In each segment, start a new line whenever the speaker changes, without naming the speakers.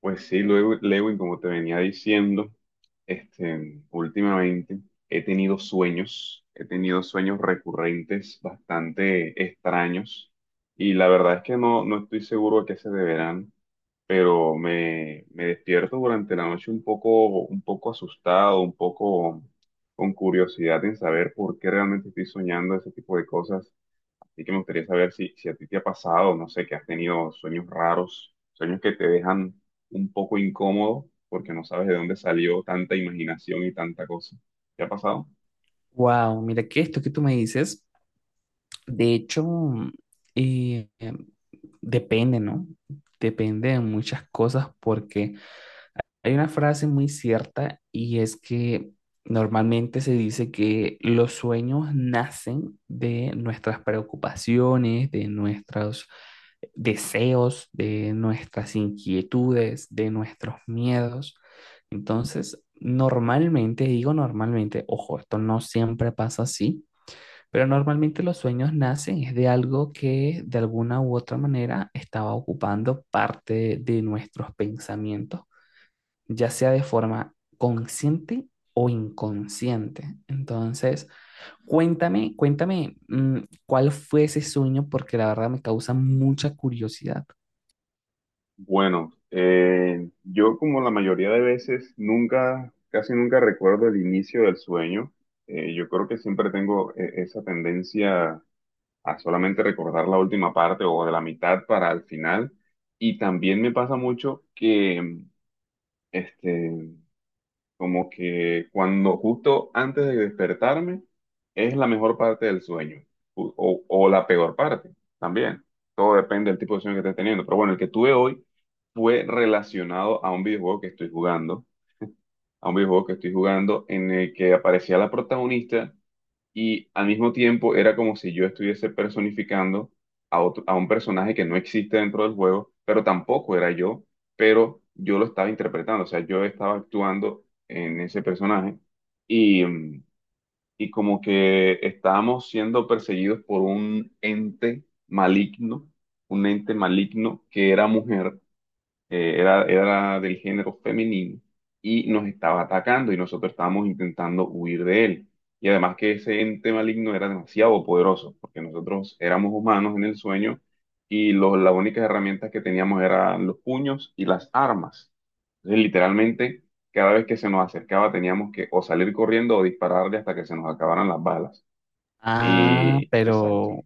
Pues sí, luego, Lewin, como te venía diciendo, últimamente he tenido sueños recurrentes bastante extraños y la verdad es que no estoy seguro a qué se deberán, pero me despierto durante la noche un poco asustado, un poco con curiosidad en saber por qué realmente estoy soñando ese tipo de cosas. Así que me gustaría saber si a ti te ha pasado, no sé, que has tenido sueños raros, sueños que te dejan un poco incómodo porque no sabes de dónde salió tanta imaginación y tanta cosa. ¿Te ha pasado?
Wow, mira que esto que tú me dices, de hecho, eh, em, depende, ¿no? Depende de muchas cosas porque hay una frase muy cierta y es que normalmente se dice que los sueños nacen de nuestras preocupaciones, de nuestros deseos, de nuestras inquietudes, de nuestros miedos. Entonces, normalmente, digo normalmente, ojo, esto no siempre pasa así pero normalmente los sueños nacen es de algo que de alguna u otra manera estaba ocupando parte de nuestros pensamientos, ya sea de forma consciente o inconsciente. Entonces, cuéntame, cuál fue ese sueño, porque la verdad me causa mucha curiosidad.
Bueno, yo como la mayoría de veces nunca, casi nunca recuerdo el inicio del sueño. Yo creo que siempre tengo esa tendencia a solamente recordar la última parte o de la mitad para el final. Y también me pasa mucho que este, como que cuando justo antes de despertarme es la mejor parte del sueño o la peor parte también. Todo depende del tipo de sueño que estés teniendo. Pero bueno, el que tuve hoy fue relacionado a un videojuego que estoy jugando, a un videojuego que estoy jugando en el que aparecía la protagonista y al mismo tiempo era como si yo estuviese personificando a un personaje que no existe dentro del juego, pero tampoco era yo, pero yo lo estaba interpretando, o sea, yo estaba actuando en ese personaje y, y como que estábamos siendo perseguidos por un ente maligno que era mujer, era del género femenino y nos estaba atacando y nosotros estábamos intentando huir de él. Y además que ese ente maligno era demasiado poderoso, porque nosotros éramos humanos en el sueño y las únicas herramientas que teníamos eran los puños y las armas. Entonces, literalmente, cada vez que se nos acercaba teníamos que o salir corriendo o dispararle hasta que se nos acabaran las balas.
Ah,
Y, exacto,
pero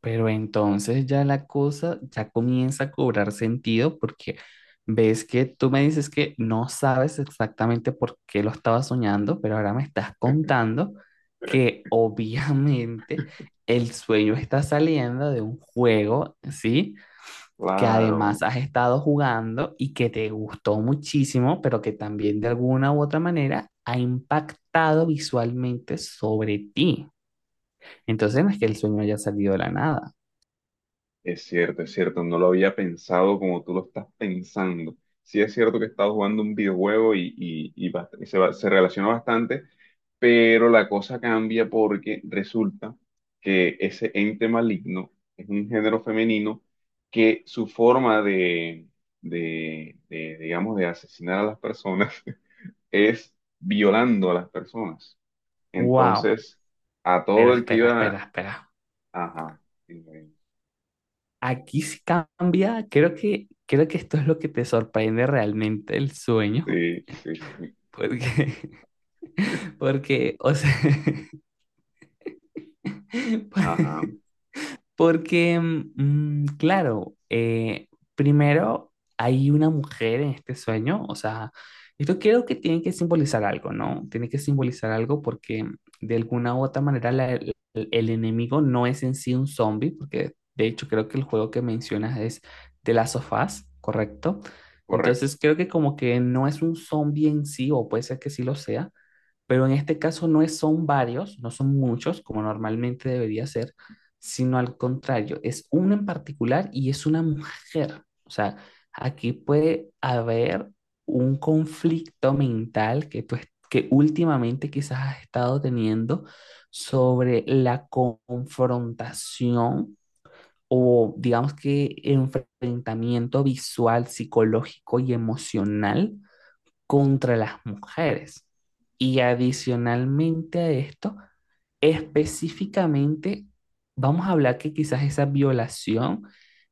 Pero entonces ya la cosa ya comienza a cobrar sentido porque ves que tú me dices que no sabes exactamente por qué lo estaba soñando, pero ahora me estás contando que obviamente el sueño está saliendo de un juego, ¿sí? Que
claro.
además has estado jugando y que te gustó muchísimo, pero que también de alguna u otra manera ha impactado visualmente sobre ti. Entonces no es que el sueño haya salido de la nada.
Es cierto, no lo había pensado como tú lo estás pensando. Sí es cierto que he estado jugando un videojuego y se relaciona bastante, pero la cosa cambia porque resulta que ese ente maligno es un género femenino que su forma de, digamos, de asesinar a las personas es violando a las personas.
¡Wow!
Entonces, a
Pero
todo el que
espera, espera,
iba...
espera.
Ajá, sí,
Aquí sí cambia. Creo que esto es lo que te sorprende realmente el sueño.
sí, sí.
Porque, porque, o sea,
Ajá,
porque, claro, primero hay una mujer en este sueño, o sea, esto creo que tiene que simbolizar algo, ¿no? Tiene que simbolizar algo porque de alguna u otra manera el enemigo no es en sí un zombie, porque de hecho creo que el juego que mencionas es de las sofás, ¿correcto?
correcto.
Entonces creo que como que no es un zombie en sí, o puede ser que sí lo sea, pero en este caso son varios, no son muchos, como normalmente debería ser, sino al contrario, es uno en particular y es una mujer. O sea, aquí puede haber un conflicto mental que que últimamente quizás has estado teniendo sobre la confrontación o digamos que enfrentamiento visual, psicológico y emocional contra las mujeres. Y adicionalmente a esto, específicamente, vamos a hablar que quizás esa violación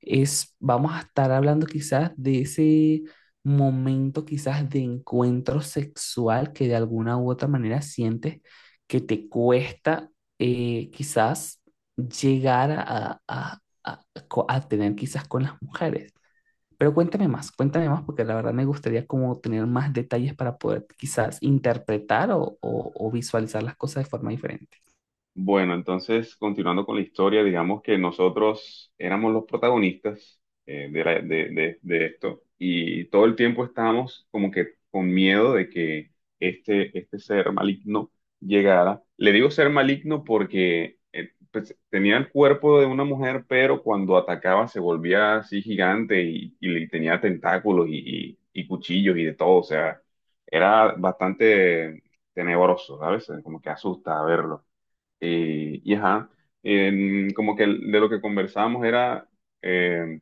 es, vamos a estar hablando quizás de ese momento quizás de encuentro sexual que de alguna u otra manera sientes que te cuesta quizás llegar a tener quizás con las mujeres. Pero cuéntame más, porque la verdad me gustaría como tener más detalles para poder quizás interpretar o o visualizar las cosas de forma diferente.
Bueno, entonces, continuando con la historia, digamos que nosotros éramos los protagonistas, de, la- de esto, y todo el tiempo estábamos como que con miedo de que este ser maligno llegara. Le digo ser maligno porque, pues, tenía el cuerpo de una mujer, pero cuando atacaba se volvía así gigante y, tenía tentáculos y, y cuchillos y de todo. O sea, era bastante tenebroso, ¿sabes? Como que asusta verlo. Y ajá, como que de lo que conversamos era, eh,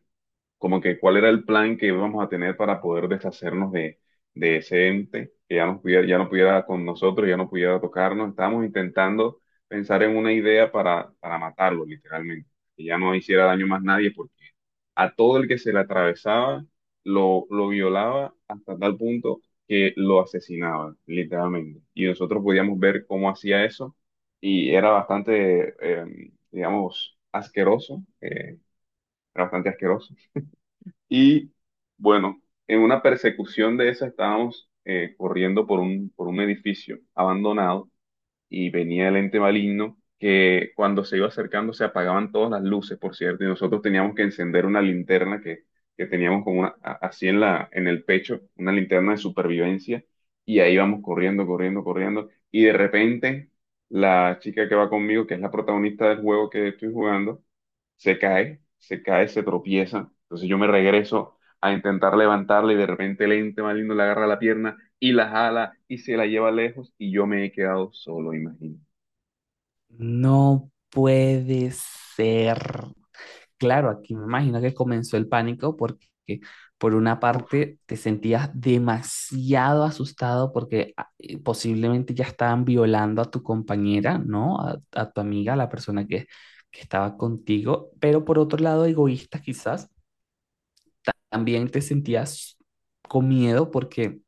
como que cuál era el plan que íbamos a tener para poder deshacernos de ese ente que ya no pudiera con nosotros, ya no pudiera tocarnos. Estábamos intentando pensar en una idea para matarlo, literalmente, que ya no hiciera daño más nadie, porque a todo el que se le atravesaba lo violaba hasta tal punto que lo asesinaba, literalmente. Y nosotros podíamos ver cómo hacía eso y era bastante, digamos, asqueroso, era bastante asqueroso y bueno, en una persecución de esa estábamos corriendo por por un edificio abandonado y venía el ente maligno que cuando se iba acercando se apagaban todas las luces, por cierto, y nosotros teníamos que encender una linterna que teníamos como una, así en en el pecho, una linterna de supervivencia, y ahí vamos corriendo, corriendo, corriendo, y de repente la chica que va conmigo, que es la protagonista del juego que estoy jugando, se cae, se cae, se tropieza. Entonces yo me regreso a intentar levantarla y de repente lente, más lindo, le agarra la pierna y la jala y se la lleva lejos y yo me he quedado solo, imagino.
No puede ser. Claro, aquí me imagino que comenzó el pánico porque por una
Uf.
parte te sentías demasiado asustado porque posiblemente ya estaban violando a tu compañera, ¿no? A tu amiga, a la persona que estaba contigo, pero por otro lado egoísta quizás también te sentías con miedo porque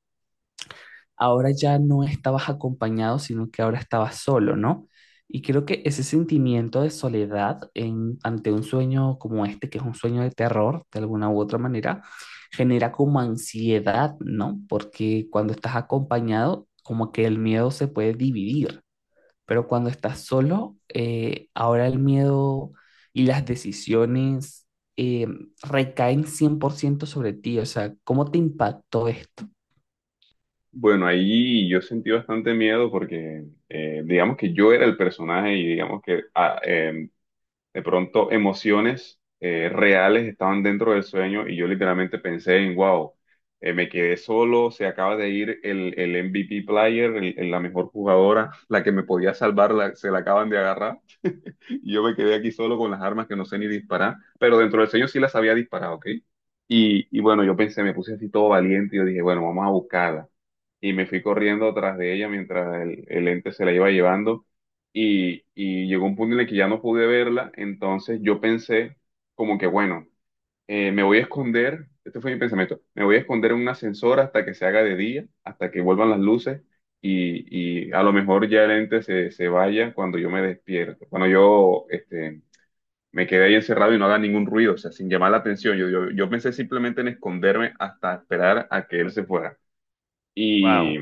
ahora ya no estabas acompañado, sino que ahora estabas solo, ¿no? Y creo que ese sentimiento de soledad ante un sueño como este, que es un sueño de terror, de alguna u otra manera, genera como ansiedad, ¿no? Porque cuando estás acompañado, como que el miedo se puede dividir. Pero cuando estás solo, ahora el miedo y las decisiones eh, recaen 100% sobre ti. O sea, ¿cómo te impactó esto?
Bueno, ahí yo sentí bastante miedo porque, digamos que yo era el personaje y digamos que de pronto emociones reales estaban dentro del sueño y yo literalmente pensé en, wow, me quedé solo, se acaba de ir el MVP player, la mejor jugadora, la que me podía salvar, se la acaban de agarrar. Y yo me quedé aquí solo con las armas que no sé ni disparar, pero dentro del sueño sí las había disparado, ¿ok? Y bueno, yo pensé, me puse así todo valiente y yo dije, bueno, vamos a buscarla. Y me fui corriendo atrás de ella mientras el ente se la iba llevando y llegó un punto en el que ya no pude verla, entonces yo pensé como que, bueno, me voy a esconder, este fue mi pensamiento, me voy a esconder en un ascensor hasta que se haga de día, hasta que vuelvan las luces y a lo mejor ya el ente se vaya cuando yo me despierto, cuando yo me quedé ahí encerrado y no haga ningún ruido, o sea, sin llamar la atención. Yo pensé simplemente en esconderme hasta esperar a que él se fuera. Y
Wow.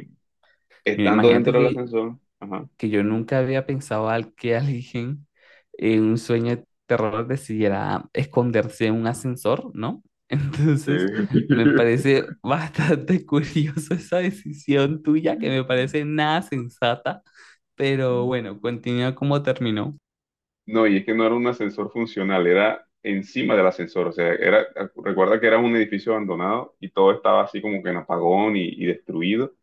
Mira,
estando
imagínate
dentro del ascensor, ajá,
que yo nunca había pensado al que alguien en un sueño de terror decidiera esconderse en un ascensor, ¿no?
sí.
Entonces, me parece bastante curioso esa decisión tuya, que me parece nada sensata, pero bueno, continúa como terminó.
No, y es que no era un ascensor funcional, era encima del ascensor. O sea, era, recuerda que era un edificio abandonado y todo estaba así como que en apagón y destruido.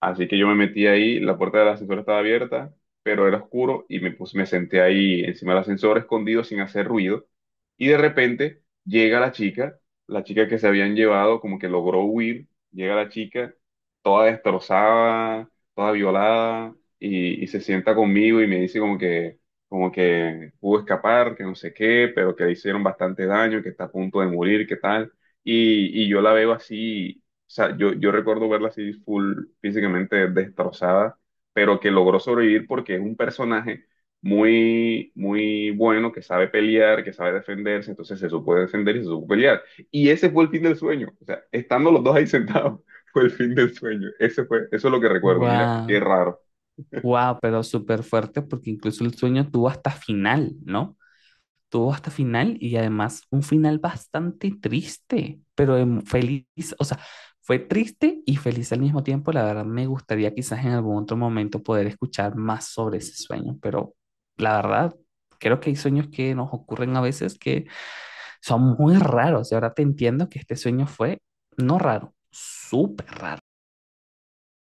Así que yo me metí ahí, la puerta del ascensor estaba abierta, pero era oscuro y me, pues, me senté ahí encima del ascensor escondido sin hacer ruido. Y de repente llega la chica que se habían llevado, como que logró huir, llega la chica toda destrozada, toda violada, y se sienta conmigo y me dice como que pudo escapar, que no sé qué, pero que le hicieron bastante daño, que está a punto de morir, que tal. Y yo la veo así, o sea, yo recuerdo verla así full físicamente destrozada, pero que logró sobrevivir porque es un personaje muy, muy bueno, que sabe pelear, que sabe defenderse, entonces se supo defender y se supo pelear. Y ese fue el fin del sueño. O sea, estando los dos ahí sentados, fue el fin del sueño. Ese fue, eso es lo que recuerdo. Mira, qué
Wow,
raro.
wow, pero súper fuerte porque incluso el sueño tuvo hasta final, ¿no? Tuvo hasta final y además un final bastante triste, pero feliz, o sea, fue triste y feliz al mismo tiempo. La verdad, me gustaría quizás en algún otro momento poder escuchar más sobre ese sueño, pero la verdad, creo que hay sueños que nos ocurren a veces que son muy raros y ahora te entiendo que este sueño fue no raro, súper raro.